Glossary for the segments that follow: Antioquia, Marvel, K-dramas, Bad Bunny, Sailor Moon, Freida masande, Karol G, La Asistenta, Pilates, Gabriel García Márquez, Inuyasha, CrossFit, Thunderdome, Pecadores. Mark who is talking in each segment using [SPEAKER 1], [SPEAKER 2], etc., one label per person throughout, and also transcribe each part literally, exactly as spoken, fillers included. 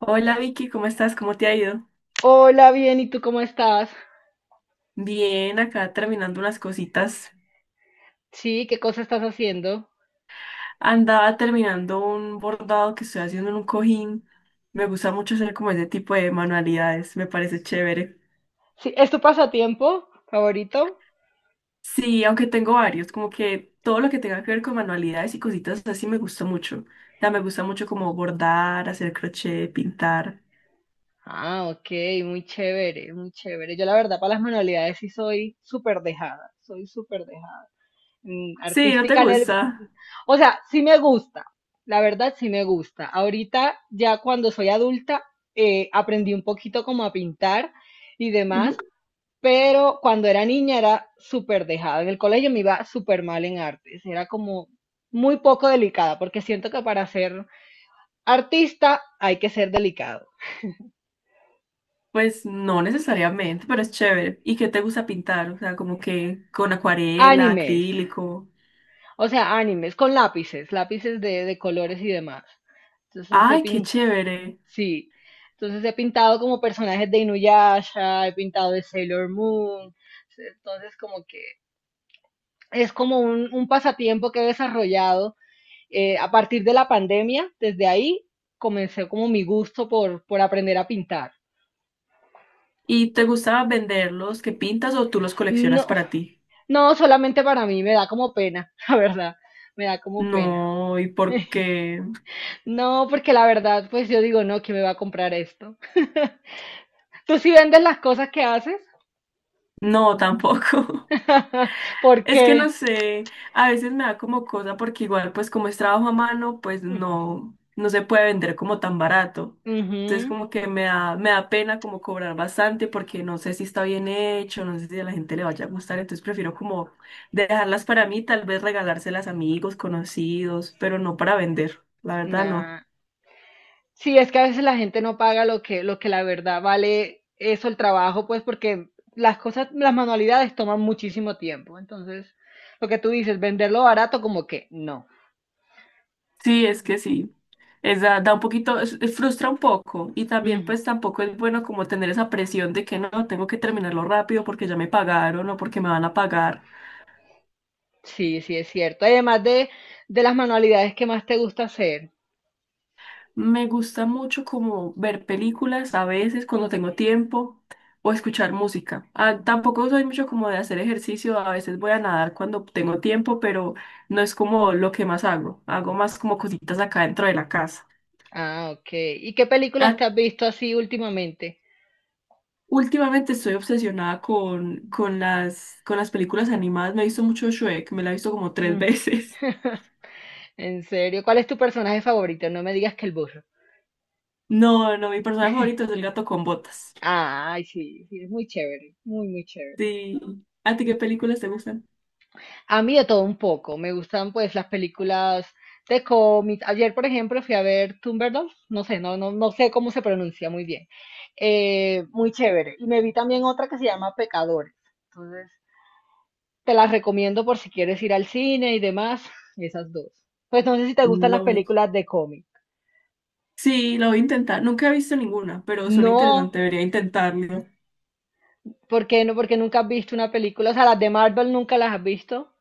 [SPEAKER 1] Hola Vicky, ¿cómo estás? ¿Cómo te ha ido?
[SPEAKER 2] Hola, bien, ¿y tú cómo estás?
[SPEAKER 1] Bien, acá terminando unas cositas.
[SPEAKER 2] Sí, ¿qué cosa estás haciendo?
[SPEAKER 1] Andaba terminando un bordado que estoy haciendo en un cojín. Me gusta mucho hacer como ese tipo de manualidades, me parece chévere.
[SPEAKER 2] Sí, ¿es tu pasatiempo favorito?
[SPEAKER 1] Sí, aunque tengo varios, como que todo lo que tenga que ver con manualidades y cositas así me gusta mucho. O sea, me gusta mucho como bordar, hacer crochet, pintar.
[SPEAKER 2] Ah, ok, muy chévere, muy chévere. Yo la verdad para las manualidades sí soy súper dejada, soy súper dejada. Mm,
[SPEAKER 1] Sí, ¿no te
[SPEAKER 2] artística en el...
[SPEAKER 1] gusta?
[SPEAKER 2] O sea, sí me gusta, la verdad sí me gusta. Ahorita ya cuando soy adulta eh, aprendí un poquito como a pintar y
[SPEAKER 1] Ujú.
[SPEAKER 2] demás. Pero cuando era niña era súper dejada. En el colegio me iba súper mal en artes. Era como muy poco delicada, porque siento que para ser artista hay que ser delicado.
[SPEAKER 1] Pues no necesariamente, pero es chévere. ¿Y qué te gusta pintar? O sea, como que con acuarela,
[SPEAKER 2] Animes,
[SPEAKER 1] acrílico.
[SPEAKER 2] o sea, animes con lápices, lápices de, de colores y demás. Entonces he
[SPEAKER 1] Ay, qué
[SPEAKER 2] pin-
[SPEAKER 1] chévere.
[SPEAKER 2] sí. Entonces he pintado como personajes de Inuyasha, he pintado de Sailor Moon. Entonces como que es como un, un pasatiempo que he desarrollado Eh, a partir de la pandemia. Desde ahí comencé como mi gusto por, por aprender a pintar.
[SPEAKER 1] ¿Y te gustaba venderlos que pintas o tú los coleccionas
[SPEAKER 2] No,
[SPEAKER 1] para ti?
[SPEAKER 2] no, solamente para mí, me da como pena, la verdad, me da como pena.
[SPEAKER 1] No, ¿y por qué?
[SPEAKER 2] No, porque la verdad, pues yo digo, no, ¿quién me va a comprar esto? ¿Tú sí vendes las cosas que haces?
[SPEAKER 1] No, tampoco.
[SPEAKER 2] ¿Por
[SPEAKER 1] Es que no
[SPEAKER 2] qué?
[SPEAKER 1] sé, a veces me da como cosa porque igual pues como es trabajo a mano, pues no, no se puede vender como tan barato. Entonces
[SPEAKER 2] Ujú,
[SPEAKER 1] como que me da, me da pena como cobrar bastante porque no sé si está bien hecho, no sé si a la gente le vaya a gustar, entonces prefiero como dejarlas para mí, tal vez regalárselas a amigos, conocidos, pero no para vender, la verdad no.
[SPEAKER 2] nah. Sí, es que a veces la gente no paga lo que, lo que la verdad vale eso, el trabajo, pues porque las cosas, las manualidades toman muchísimo tiempo. Entonces, lo que tú dices, venderlo barato como que no.
[SPEAKER 1] Sí, es que sí. Es da, da un poquito, es- es- frustra un poco. Y también,
[SPEAKER 2] Mm,
[SPEAKER 1] pues tampoco es bueno como tener esa presión de que no, tengo que terminarlo rápido porque ya me pagaron o porque me van a pagar.
[SPEAKER 2] sí, sí, es cierto. Además de, de las manualidades que más te gusta hacer.
[SPEAKER 1] Me gusta mucho como ver películas a veces cuando tengo tiempo o escuchar música. Ah, tampoco soy mucho como de hacer ejercicio, a veces voy a nadar cuando tengo tiempo, pero no es como lo que más hago. Hago más como cositas acá dentro de la casa.
[SPEAKER 2] Ah, ok. ¿Y qué
[SPEAKER 1] ¿A
[SPEAKER 2] películas te has visto así últimamente?
[SPEAKER 1] Últimamente estoy obsesionada con, con las, con las películas animadas. Me he visto mucho Shrek, me la he visto como tres
[SPEAKER 2] Mm,
[SPEAKER 1] veces.
[SPEAKER 2] en serio, ¿cuál es tu personaje favorito? No me digas que el burro.
[SPEAKER 1] No, no, mi personaje favorito es el gato con botas.
[SPEAKER 2] Ay, sí, sí, es muy chévere, muy, muy chévere.
[SPEAKER 1] Sí. ¿A ti qué películas te gustan?
[SPEAKER 2] A mí de todo un poco. Me gustan pues las películas de cómics. Ayer, por ejemplo, fui a ver Thunderdome. No sé, no, no, no sé cómo se pronuncia muy bien. Eh, muy chévere. Y me vi también otra que se llama Pecadores. Entonces, te las recomiendo por si quieres ir al cine y demás. Esas dos. Pues no sé si te gustan las
[SPEAKER 1] No.
[SPEAKER 2] películas de cómics.
[SPEAKER 1] Sí, lo voy a intentar. Nunca he visto ninguna, pero suena
[SPEAKER 2] No,
[SPEAKER 1] interesante, debería intentarlo.
[SPEAKER 2] ¿por qué no? Porque nunca has visto una película. O sea, las de Marvel nunca las has visto.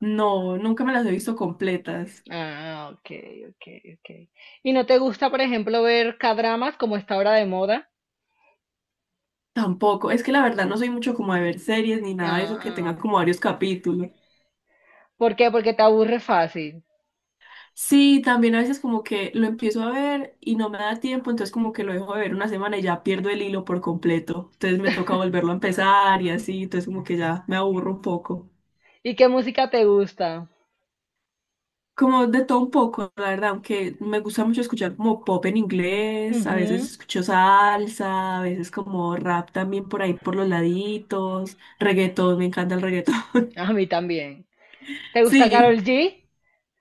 [SPEAKER 1] No, nunca me las he visto completas.
[SPEAKER 2] Ah, ok, ok, ok. ¿Y no te gusta, por ejemplo, ver K-dramas como está ahora de moda?
[SPEAKER 1] Tampoco. Es que la verdad no soy mucho como de ver series ni nada de eso
[SPEAKER 2] Ah,
[SPEAKER 1] que
[SPEAKER 2] ah,
[SPEAKER 1] tenga
[SPEAKER 2] ok.
[SPEAKER 1] como varios capítulos.
[SPEAKER 2] ¿Por qué? Porque te aburre fácil.
[SPEAKER 1] Sí, también a veces como que lo empiezo a ver y no me da tiempo, entonces como que lo dejo de ver una semana y ya pierdo el hilo por completo. Entonces me toca volverlo a empezar y así, entonces como que ya me aburro un poco.
[SPEAKER 2] ¿Y qué música te gusta?
[SPEAKER 1] Como de todo un poco, la verdad, aunque me gusta mucho escuchar como pop en inglés, a veces
[SPEAKER 2] Ujú,
[SPEAKER 1] escucho salsa, a veces como rap también por ahí por los laditos, reggaetón, me encanta el reggaetón.
[SPEAKER 2] a mí también. ¿Te gusta
[SPEAKER 1] Sí,
[SPEAKER 2] Karol G?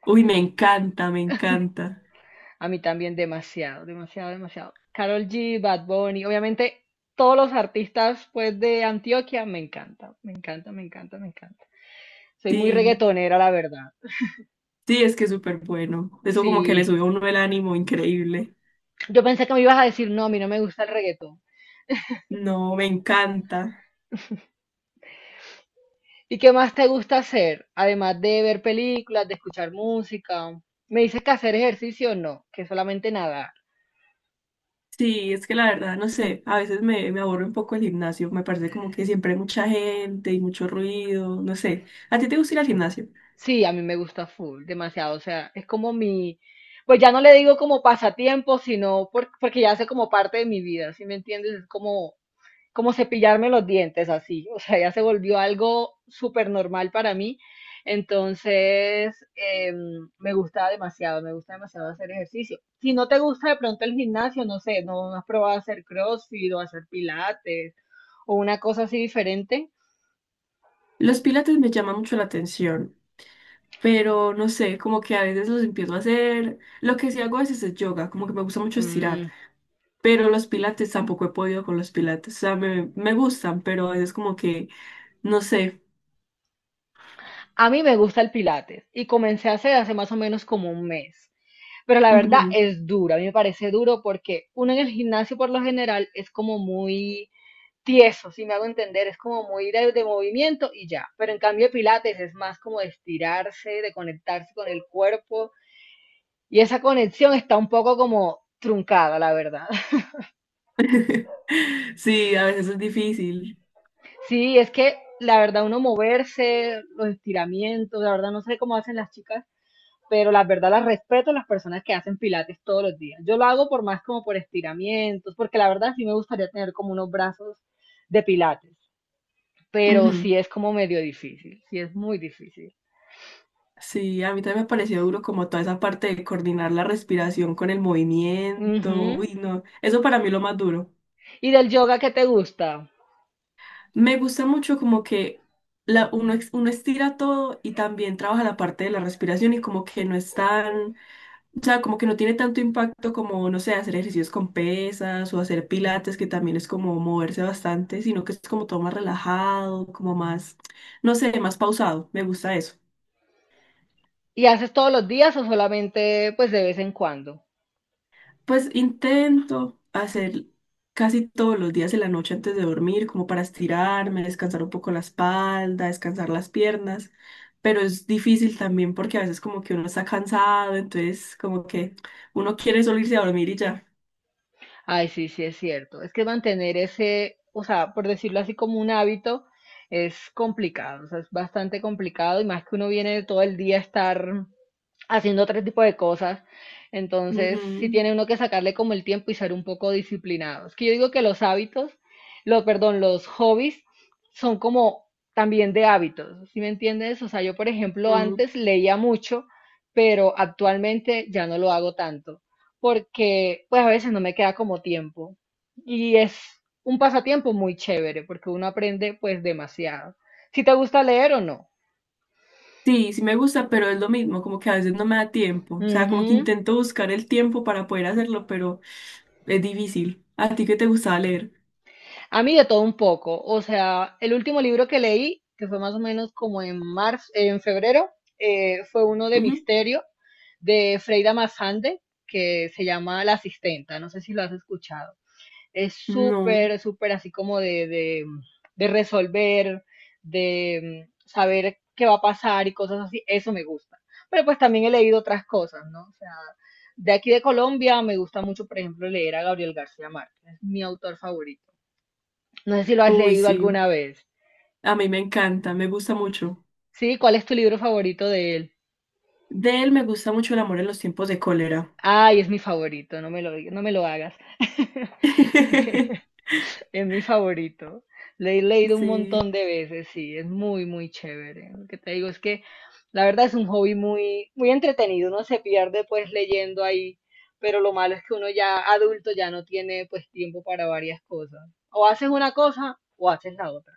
[SPEAKER 1] uy, me encanta, me encanta.
[SPEAKER 2] A mí también demasiado, demasiado, demasiado. Karol G, Bad Bunny, obviamente todos los artistas pues de Antioquia me encanta, me encanta, me encanta, me encanta. Soy muy
[SPEAKER 1] Sí.
[SPEAKER 2] reggaetonera, la verdad.
[SPEAKER 1] Sí, es que es súper bueno. Eso como que le
[SPEAKER 2] Sí.
[SPEAKER 1] sube a uno el ánimo increíble.
[SPEAKER 2] Yo pensé que me ibas a decir, no, a mí no me gusta el reggaetón.
[SPEAKER 1] No, me encanta.
[SPEAKER 2] ¿Y qué más te gusta hacer? Además de ver películas, de escuchar música. Me dices que hacer ejercicio no, que solamente nadar.
[SPEAKER 1] Sí, es que la verdad, no sé, a veces me, me aburre un poco el gimnasio. Me parece como que siempre hay mucha gente y mucho ruido, no sé. ¿A ti te gusta ir al gimnasio?
[SPEAKER 2] Sí, a mí me gusta full, demasiado. O sea, es como mi, pues ya no le digo como pasatiempo, sino por- porque ya hace como parte de mi vida, ¿sí me entiendes? Es como como cepillarme los dientes así, o sea, ya se volvió algo súper normal para mí. Entonces, em, me gusta demasiado, me gusta demasiado hacer ejercicio. Si no te gusta de pronto el gimnasio, no sé, no has probado hacer CrossFit o hacer pilates o una cosa así diferente.
[SPEAKER 1] Los pilates me llaman mucho la atención, pero no sé, como que a veces los empiezo a hacer. Lo que sí hago a veces es yoga, como que me gusta mucho estirar.
[SPEAKER 2] Mm,
[SPEAKER 1] Pero los pilates tampoco he podido con los pilates. O sea, me, me gustan, pero a veces como que, no sé.
[SPEAKER 2] a mí me gusta el pilates y comencé a hacer hace más o menos como un mes. Pero la verdad
[SPEAKER 1] Ujú.
[SPEAKER 2] es duro, a mí me parece duro porque uno en el gimnasio por lo general es como muy tieso, si me hago entender, es como muy de, de movimiento y ya. Pero en cambio pilates es más como de estirarse, de conectarse con el cuerpo, y esa conexión está un poco como truncada, la verdad.
[SPEAKER 1] Sí, a veces es difícil.
[SPEAKER 2] Sí, es que la verdad uno moverse, los estiramientos, la verdad no sé cómo hacen las chicas, pero la verdad las respeto a las personas que hacen pilates todos los días. Yo lo hago por más como por estiramientos, porque la verdad sí me gustaría tener como unos brazos de pilates, pero sí
[SPEAKER 1] Ujú.
[SPEAKER 2] es como medio difícil, sí es muy difícil.
[SPEAKER 1] Sí, a mí también me pareció duro como toda esa parte de coordinar la respiración con el movimiento.
[SPEAKER 2] Ujú.
[SPEAKER 1] Uy, no, eso para mí es lo más duro.
[SPEAKER 2] ¿Y del yoga qué te gusta?
[SPEAKER 1] Me gusta mucho como que la, uno, ex- uno estira todo y también trabaja la parte de la respiración y como que no es tan, o sea, como que no tiene tanto impacto como, no sé, hacer ejercicios con pesas o hacer pilates, que también es como moverse bastante, sino que es como todo más relajado, como más, no sé, más pausado. Me gusta eso.
[SPEAKER 2] ¿Y haces todos los días o solamente pues de vez en cuando?
[SPEAKER 1] Pues intento hacer casi todos los días en la noche antes de dormir, como para estirarme, descansar un poco la espalda, descansar las piernas, pero es difícil también porque a veces como que uno está cansado, entonces como que uno quiere solo irse a dormir y ya.
[SPEAKER 2] Ay, sí, sí, es cierto. Es que mantener ese, o sea, por decirlo así como un hábito, es complicado, o sea, es bastante complicado y más que uno viene todo el día a estar haciendo otro tipo de cosas. Entonces, sí tiene uno que sacarle como el tiempo y ser un poco disciplinado. Es que yo digo que los hábitos, los, perdón, los hobbies son como también de hábitos, ¿sí me entiendes? O sea, yo, por ejemplo,
[SPEAKER 1] Ujú, ujú.
[SPEAKER 2] antes leía mucho, pero actualmente ya no lo hago tanto porque pues a veces no me queda como tiempo. Y es un pasatiempo muy chévere porque uno aprende pues demasiado. Si te gusta leer o no.
[SPEAKER 1] Sí, sí me gusta, pero es lo mismo, como que a veces no me da tiempo, o sea, como que
[SPEAKER 2] Ujú.
[SPEAKER 1] intento buscar el tiempo para poder hacerlo, pero es difícil. ¿A ti qué te gustaba leer?
[SPEAKER 2] A mí de todo un poco. O sea, el último libro que leí, que fue más o menos como en marzo, en febrero, eh, fue uno de
[SPEAKER 1] Ujú.
[SPEAKER 2] misterio de Freida masande que se llama La Asistenta. No sé si lo has escuchado. Es
[SPEAKER 1] No.
[SPEAKER 2] súper, súper así como de, de, de resolver, de mm, saber qué va a pasar y cosas así. Eso me gusta. Pero pues también he leído otras cosas, ¿no? O sea, de aquí de Colombia me gusta mucho, por ejemplo, leer a Gabriel García Márquez. Es mi autor favorito. No sé si lo has
[SPEAKER 1] Uy,
[SPEAKER 2] leído
[SPEAKER 1] sí.
[SPEAKER 2] alguna vez.
[SPEAKER 1] A mí me encanta, me gusta mucho.
[SPEAKER 2] ¿Sí? ¿Cuál es tu libro favorito de él?
[SPEAKER 1] De él me gusta mucho El amor en los tiempos de cólera.
[SPEAKER 2] Ay, es mi favorito, no me lo, diga- no me lo hagas. Es mi favorito. Le he leído un
[SPEAKER 1] Sí,
[SPEAKER 2] montón de veces, sí, es muy, muy chévere. Lo que te digo es que la verdad es un hobby muy, muy entretenido. Uno se pierde pues leyendo ahí, pero lo malo es que uno ya adulto ya no tiene pues tiempo para varias cosas. O haces una cosa o haces la otra.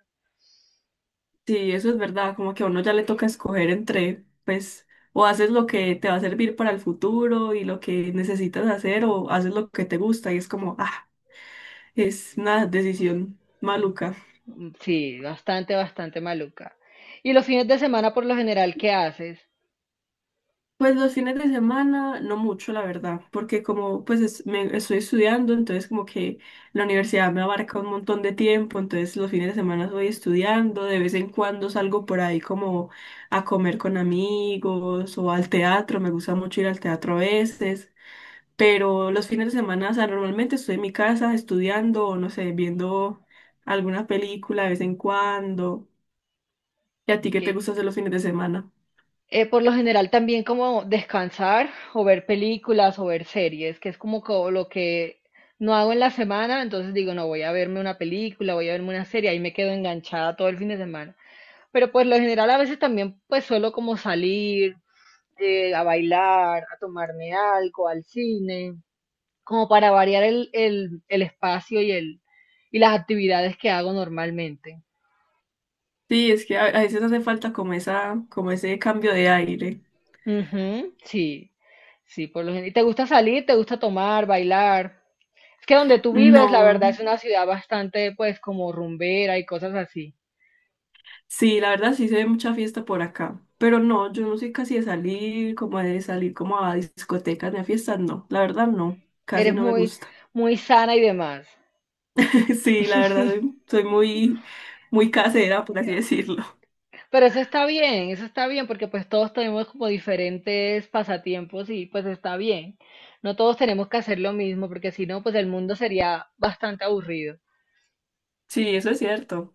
[SPEAKER 1] sí, eso es verdad, como que a uno ya le toca escoger entre, pues, o haces lo que te va a servir para el futuro y lo que necesitas hacer, o haces lo que te gusta y es como, ah, es una decisión maluca.
[SPEAKER 2] Mm, sí, bastante, bastante maluca. ¿Y los fines de semana por lo general qué haces?
[SPEAKER 1] Pues los fines de semana, no mucho, la verdad, porque como pues es- me, estoy estudiando, entonces como que la universidad me abarca un montón de tiempo, entonces los fines de semana estoy estudiando, de vez en cuando salgo por ahí como a comer con amigos o al teatro, me gusta mucho ir al teatro a veces, pero los fines de semana, o sea, normalmente estoy en mi casa estudiando o no sé, viendo alguna película de vez en cuando. ¿Y a ti qué
[SPEAKER 2] Ok.
[SPEAKER 1] te gusta hacer los fines de semana?
[SPEAKER 2] Eh, por lo general también como descansar o ver películas o ver series, que es como, co- lo que no hago en la semana, entonces digo, no, voy a verme una película, voy a verme una serie, ahí me quedo enganchada todo el fin de semana. Pero por lo general a veces también pues suelo como salir eh, a bailar, a tomarme algo, al cine, como para variar el, el, el espacio y, el, y las actividades que hago normalmente.
[SPEAKER 1] Sí, es que a, a veces hace falta como esa, como ese cambio de aire.
[SPEAKER 2] Ujú, sí, sí, por lo general. ¿Y te gusta salir? ¿Te gusta tomar, bailar? Es que donde tú vives, la
[SPEAKER 1] No,
[SPEAKER 2] verdad, es una ciudad bastante, pues, como rumbera y cosas así.
[SPEAKER 1] sí, la verdad sí se ve mucha fiesta por acá, pero no, yo no soy casi de salir, como de salir como a discotecas ni a fiestas, no, la verdad no, casi
[SPEAKER 2] Eres
[SPEAKER 1] no me
[SPEAKER 2] muy,
[SPEAKER 1] gusta.
[SPEAKER 2] muy sana y demás.
[SPEAKER 1] Sí, la verdad soy, soy muy, muy casera, por así decirlo.
[SPEAKER 2] Pero eso está bien, eso está bien, porque pues todos tenemos como diferentes pasatiempos y pues está bien. No todos tenemos que hacer lo mismo, porque si no, pues el mundo sería bastante aburrido.
[SPEAKER 1] Sí, eso es cierto.